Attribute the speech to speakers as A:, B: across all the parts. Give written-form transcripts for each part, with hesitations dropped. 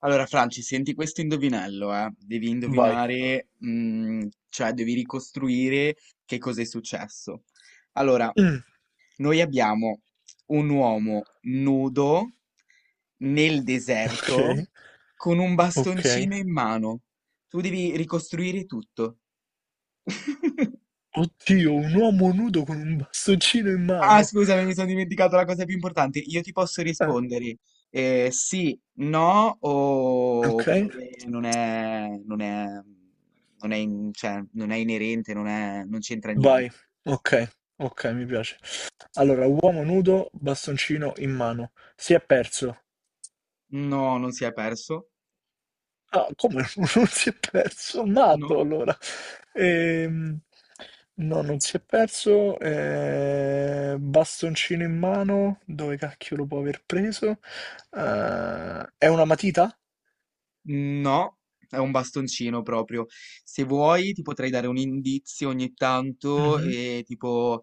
A: Allora, Franci, senti questo indovinello, eh? Devi
B: Vai.
A: indovinare, cioè devi ricostruire che cosa è successo. Allora,
B: Mm,
A: noi abbiamo un uomo nudo nel deserto
B: ok,
A: con un
B: ok.
A: bastoncino in mano. Tu devi ricostruire tutto.
B: Oddio, un uomo nudo con un bastoncino in
A: Ah,
B: mano.
A: scusami, mi sono dimenticato la cosa più importante. Io ti posso
B: Eh,
A: rispondere sì, no,
B: ok,
A: oppure non è, cioè, non è inerente, non c'entra niente.
B: vai. Ok, ok, mi piace. Allora, uomo nudo, bastoncino in mano. Si è perso.
A: No, non si è perso.
B: Ah, come non si è perso?
A: No,
B: Matto, allora. Ehm, no, non si è perso. Bastoncino in mano. Dove cacchio lo può aver preso? È una matita?
A: no, è un bastoncino proprio. Se vuoi, ti potrei dare un indizio ogni tanto,
B: Mhm.
A: e tipo,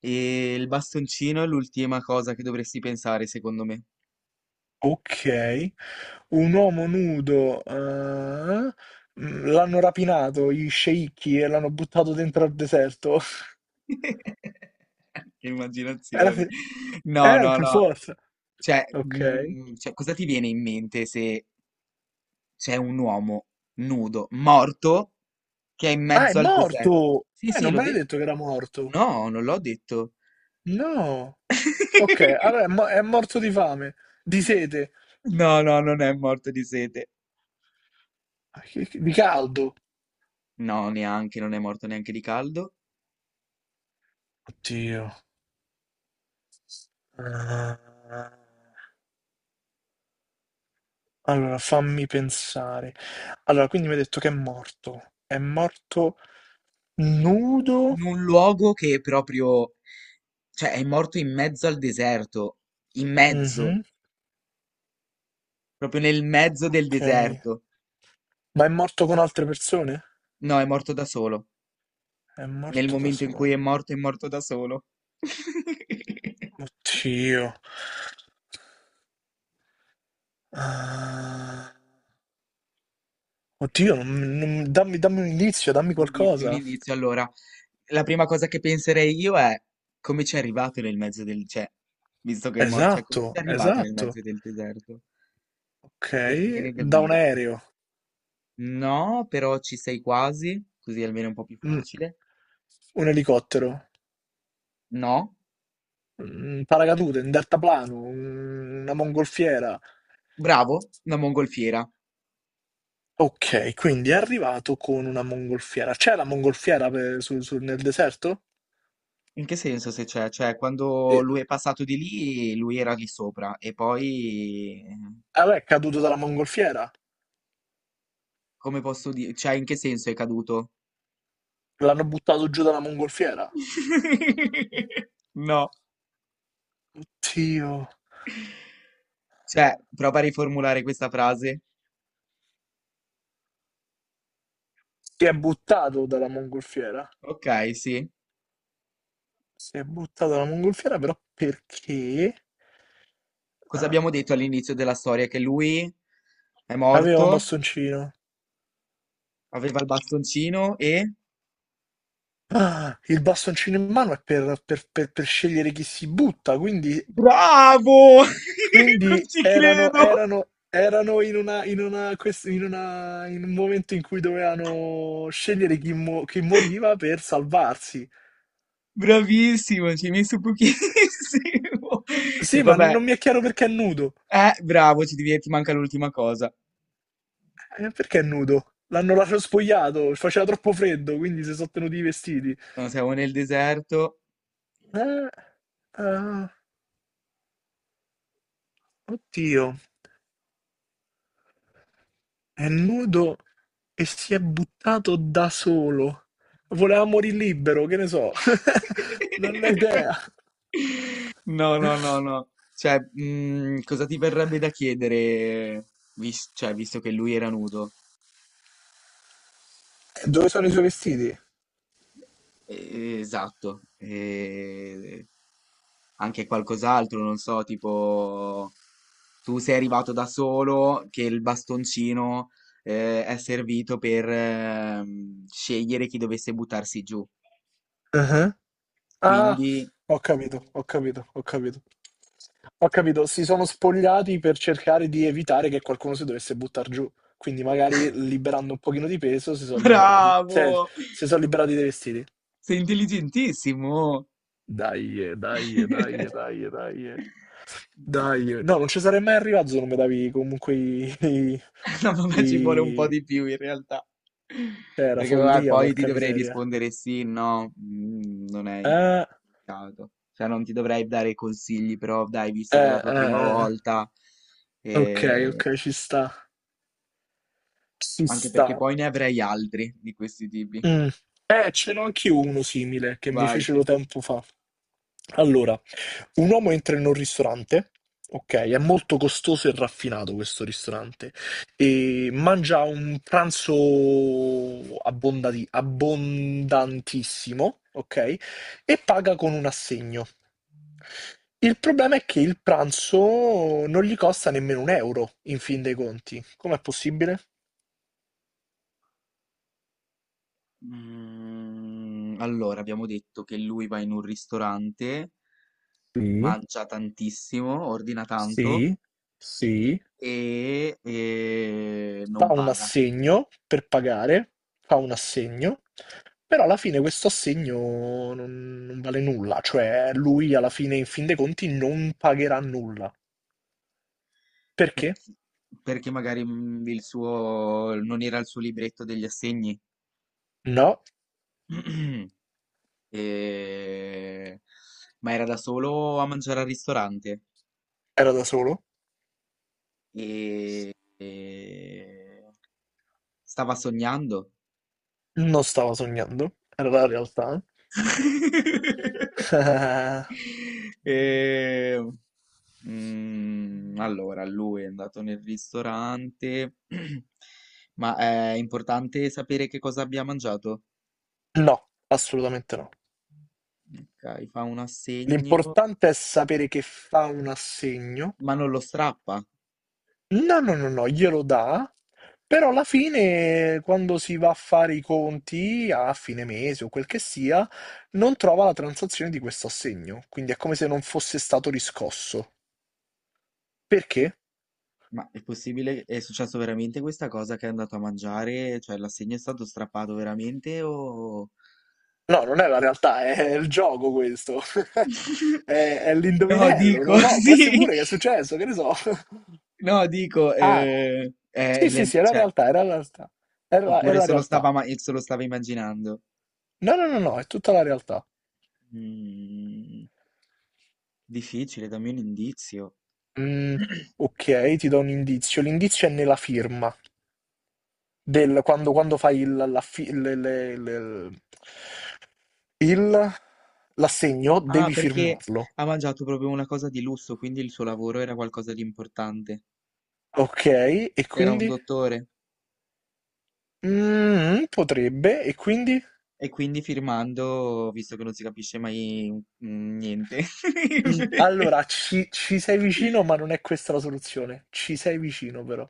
A: il bastoncino è l'ultima cosa che dovresti pensare, secondo me.
B: Ok, un uomo nudo, l'hanno rapinato gli sceicchi e l'hanno buttato dentro al deserto.
A: Che
B: Era
A: immaginazione.
B: se-
A: No, no,
B: Per
A: no.
B: forza.
A: Cioè,
B: Ok.
A: cosa ti viene in mente se c'è un uomo nudo, morto, che è in
B: Ah, è
A: mezzo al deserto?
B: morto!
A: Sì, sì,
B: Non
A: l'ho
B: me l'hai
A: detto.
B: detto che era morto.
A: No, non l'ho detto.
B: No. Ok, allora è morto di fame, di sete.
A: No, no, non è morto di sete.
B: Di caldo.
A: No, neanche, non è morto neanche di caldo.
B: Oddio. Ah. Allora, fammi pensare. Allora, quindi mi hai detto che è morto. È morto nudo?
A: In un luogo che è proprio, cioè, è morto in mezzo al deserto. In mezzo,
B: Mhm.
A: proprio nel mezzo del
B: Ok.
A: deserto.
B: Ma è morto con altre persone?
A: No, è morto da solo.
B: È
A: Nel
B: morto da
A: momento in cui
B: solo.
A: è morto da solo.
B: Oddio. Ah, oddio, dammi, dammi un indizio, dammi
A: Un indizio, un
B: qualcosa.
A: indizio. Allora, la prima cosa che penserei io è come ci è arrivato nel mezzo del... cioè, visto che è morto, cioè, come
B: Esatto,
A: ci è arrivato nel
B: esatto.
A: mezzo del deserto?
B: Ok,
A: Cosa ti viene da
B: da un
A: dire?
B: aereo,
A: No, però ci sei quasi, così almeno è un po' più
B: Mm,
A: facile.
B: un elicottero,
A: No,
B: un paracadute, un deltaplano, una mongolfiera.
A: bravo, una mongolfiera.
B: Ok, quindi è arrivato con una mongolfiera. C'è la mongolfiera nel deserto?
A: In che senso se c'è? Cioè, quando lui è passato di lì, lui era lì sopra e poi... eh.
B: Ah, beh, è caduto dalla mongolfiera.
A: Come posso dire? Cioè, in che senso è caduto?
B: L'hanno buttato giù dalla mongolfiera.
A: No,
B: Oddio.
A: cioè, prova a riformulare questa frase.
B: Si è buttato dalla mongolfiera.
A: Ok, sì.
B: Si è buttato dalla mongolfiera, però perché?
A: Cosa
B: Ah,
A: abbiamo detto all'inizio della storia? Che lui è
B: aveva un
A: morto,
B: bastoncino.
A: aveva il bastoncino e...
B: Ah, il bastoncino in mano è per, per scegliere chi si butta, quindi,
A: Bravo! Non
B: quindi
A: ci
B: erano,
A: credo!
B: erano- erano in una- quest- in una- in un momento in cui dovevano scegliere chi, chi moriva per salvarsi.
A: Bravissimo, ci hai messo pochissimo. E
B: Sì, ma
A: vabbè,
B: non mi è chiaro perché è nudo.
A: bravo, ci devi, ti manca l'ultima cosa.
B: Perché è nudo? L'hanno lasciato spogliato, faceva troppo freddo, quindi si sono tenuti i vestiti.
A: No, siamo nel deserto.
B: Eh, ah, Oddio, è nudo e si è buttato da solo. Voleva morire libero, che ne so. Non ho idea.
A: No, no, no, no. Cioè, cosa ti verrebbe da chiedere, cioè, visto che lui era nudo?
B: Dove sono i suoi vestiti?
A: Esatto. Anche qualcos'altro, non so, tipo, tu sei arrivato da solo, che il bastoncino, è servito per, scegliere chi dovesse buttarsi giù.
B: Ah,
A: Quindi,
B: ho capito. Ho capito, si sono spogliati per cercare di evitare che qualcuno si dovesse buttare giù. Quindi magari liberando un pochino di peso si sono liberati. Cioè,
A: bravo!
B: si sono liberati dei vestiti.
A: Sei intelligentissimo!
B: Dai, dai, dai, dai, dai. Eh. Dai, eh. No, non ci sarei mai arrivato se non mi davi comunque i... i-
A: No, vabbè, ci vuole un po'
B: i-
A: di più in realtà.
B: cioè, era
A: Perché vabbè,
B: follia,
A: poi ti
B: porca
A: dovrei
B: miseria.
A: rispondere sì, no, non è
B: Eh,
A: indicato. Cioè, non ti dovrei dare consigli, però dai, visto che è la
B: eh,
A: tua prima
B: eh, eh.
A: volta,
B: Ok,
A: eh,
B: ok, ci sta. Ci
A: anche
B: sta.
A: perché poi ne avrei altri di questi tipi.
B: Mm. Ce n'ho anch'io uno simile che mi
A: Vai.
B: fecero tempo fa. Allora, un uomo entra in un ristorante, ok, è molto costoso e raffinato questo ristorante, e mangia un pranzo abbondantissimo, ok, e paga con un assegno. Il problema è che il pranzo non gli costa nemmeno un euro, in fin dei conti. Com'è possibile?
A: Allora, abbiamo detto che lui va in un ristorante,
B: Sì,
A: mangia tantissimo, ordina tanto
B: sì, sì.
A: e, non
B: Fa un
A: paga.
B: assegno per pagare, fa un assegno, però alla fine questo assegno non vale nulla, cioè lui alla fine, in fin dei conti, non pagherà nulla. Perché?
A: Sì, perché magari il suo non era il suo libretto degli assegni,
B: No,
A: E- ma era da solo a mangiare al ristorante
B: era da solo,
A: e, stava sognando.
B: non stava sognando, era la realtà.
A: E, allora, lui è andato nel ristorante, ma è importante sapere che cosa abbia mangiato.
B: No, assolutamente no.
A: Ok, fa un assegno,
B: L'importante è sapere che fa un assegno.
A: ma non lo strappa.
B: No, no, no, no, glielo dà, però alla fine, quando si va a fare i conti a fine mese o quel che sia, non trova la transazione di questo assegno, quindi è come se non fosse stato riscosso. Perché?
A: Ma è possibile? È successo veramente questa cosa che è andato a mangiare? Cioè l'assegno è stato strappato veramente o...
B: No, non è la realtà, è il gioco questo. È, è
A: No,
B: l'indovinello, non
A: dico,
B: lo so, può essere
A: sì.
B: pure che è successo, che ne so.
A: No, dico,
B: Ah, sì, è la
A: cioè,
B: realtà, è la realtà. È
A: oppure
B: la
A: se lo
B: realtà.
A: stava, se lo stava immaginando?
B: No, no, no, no, è tutta la realtà.
A: Mm, difficile, dammi un indizio.
B: Mm, ok, ti do un indizio. L'indizio è nella firma, quando fai il, la fi- le- il- l'assegno
A: Ah,
B: devi
A: perché
B: firmarlo.
A: ha mangiato proprio una cosa di lusso, quindi il suo lavoro era qualcosa di importante.
B: Ok, e
A: Era un
B: quindi?
A: dottore.
B: Mm, potrebbe, e quindi?
A: E quindi firmando, visto che non si capisce mai niente.
B: Mm, allora, ci sei vicino, ma non è questa la soluzione. Ci sei vicino, però.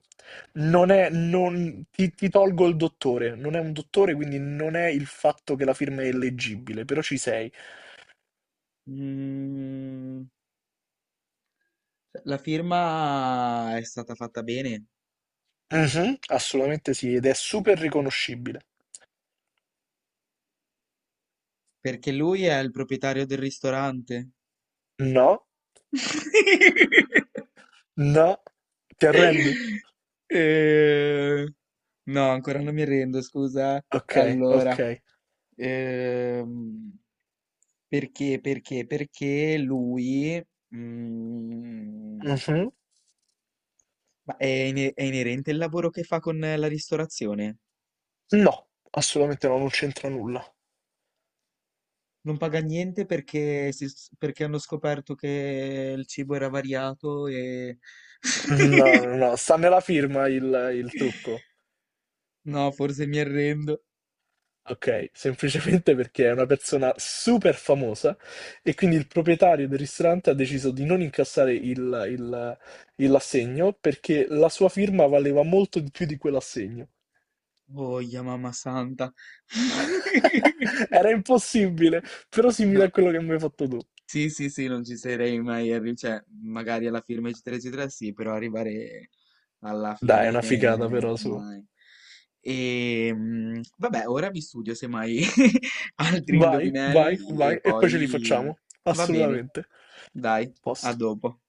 B: Non è, non- ti tolgo il dottore, non è un dottore, quindi non è il fatto che la firma è illeggibile, però ci sei.
A: Mm, cioè, la firma è stata fatta bene
B: Mhm, assolutamente sì, ed è super riconoscibile.
A: perché lui è il proprietario del ristorante.
B: No, no, ti arrendi?
A: Eh, no, ancora non mi rendo, scusa.
B: Ok, ok.
A: Allora, ehm, perché lui, mm.
B: Mhm.
A: Ma è, è inerente il lavoro che fa con la ristorazione?
B: No, assolutamente no, non c'entra nulla.
A: Non paga niente perché, perché hanno scoperto che il cibo era variato e...
B: No, no, no, sta nella firma il trucco.
A: No, forse mi arrendo.
B: Ok, semplicemente perché è una persona super famosa e quindi il proprietario del ristorante ha deciso di non incassare il- il assegno perché la sua firma valeva molto di più di quell'assegno.
A: Oh, mamma santa.
B: Era impossibile, però simile a
A: No.
B: quello che mi hai fatto tu.
A: Sì, sì, sì, non ci sarei mai arrivato, cioè, magari alla firma eccetera eccetera sì, però arrivare alla
B: Dai, è
A: fine
B: una figata però su.
A: mai. E vabbè, ora vi studio semmai altri
B: Vai, vai,
A: indovinelli
B: vai,
A: e
B: e poi ce li
A: poi
B: facciamo.
A: va bene.
B: Assolutamente.
A: Dai, a
B: Posto.
A: dopo.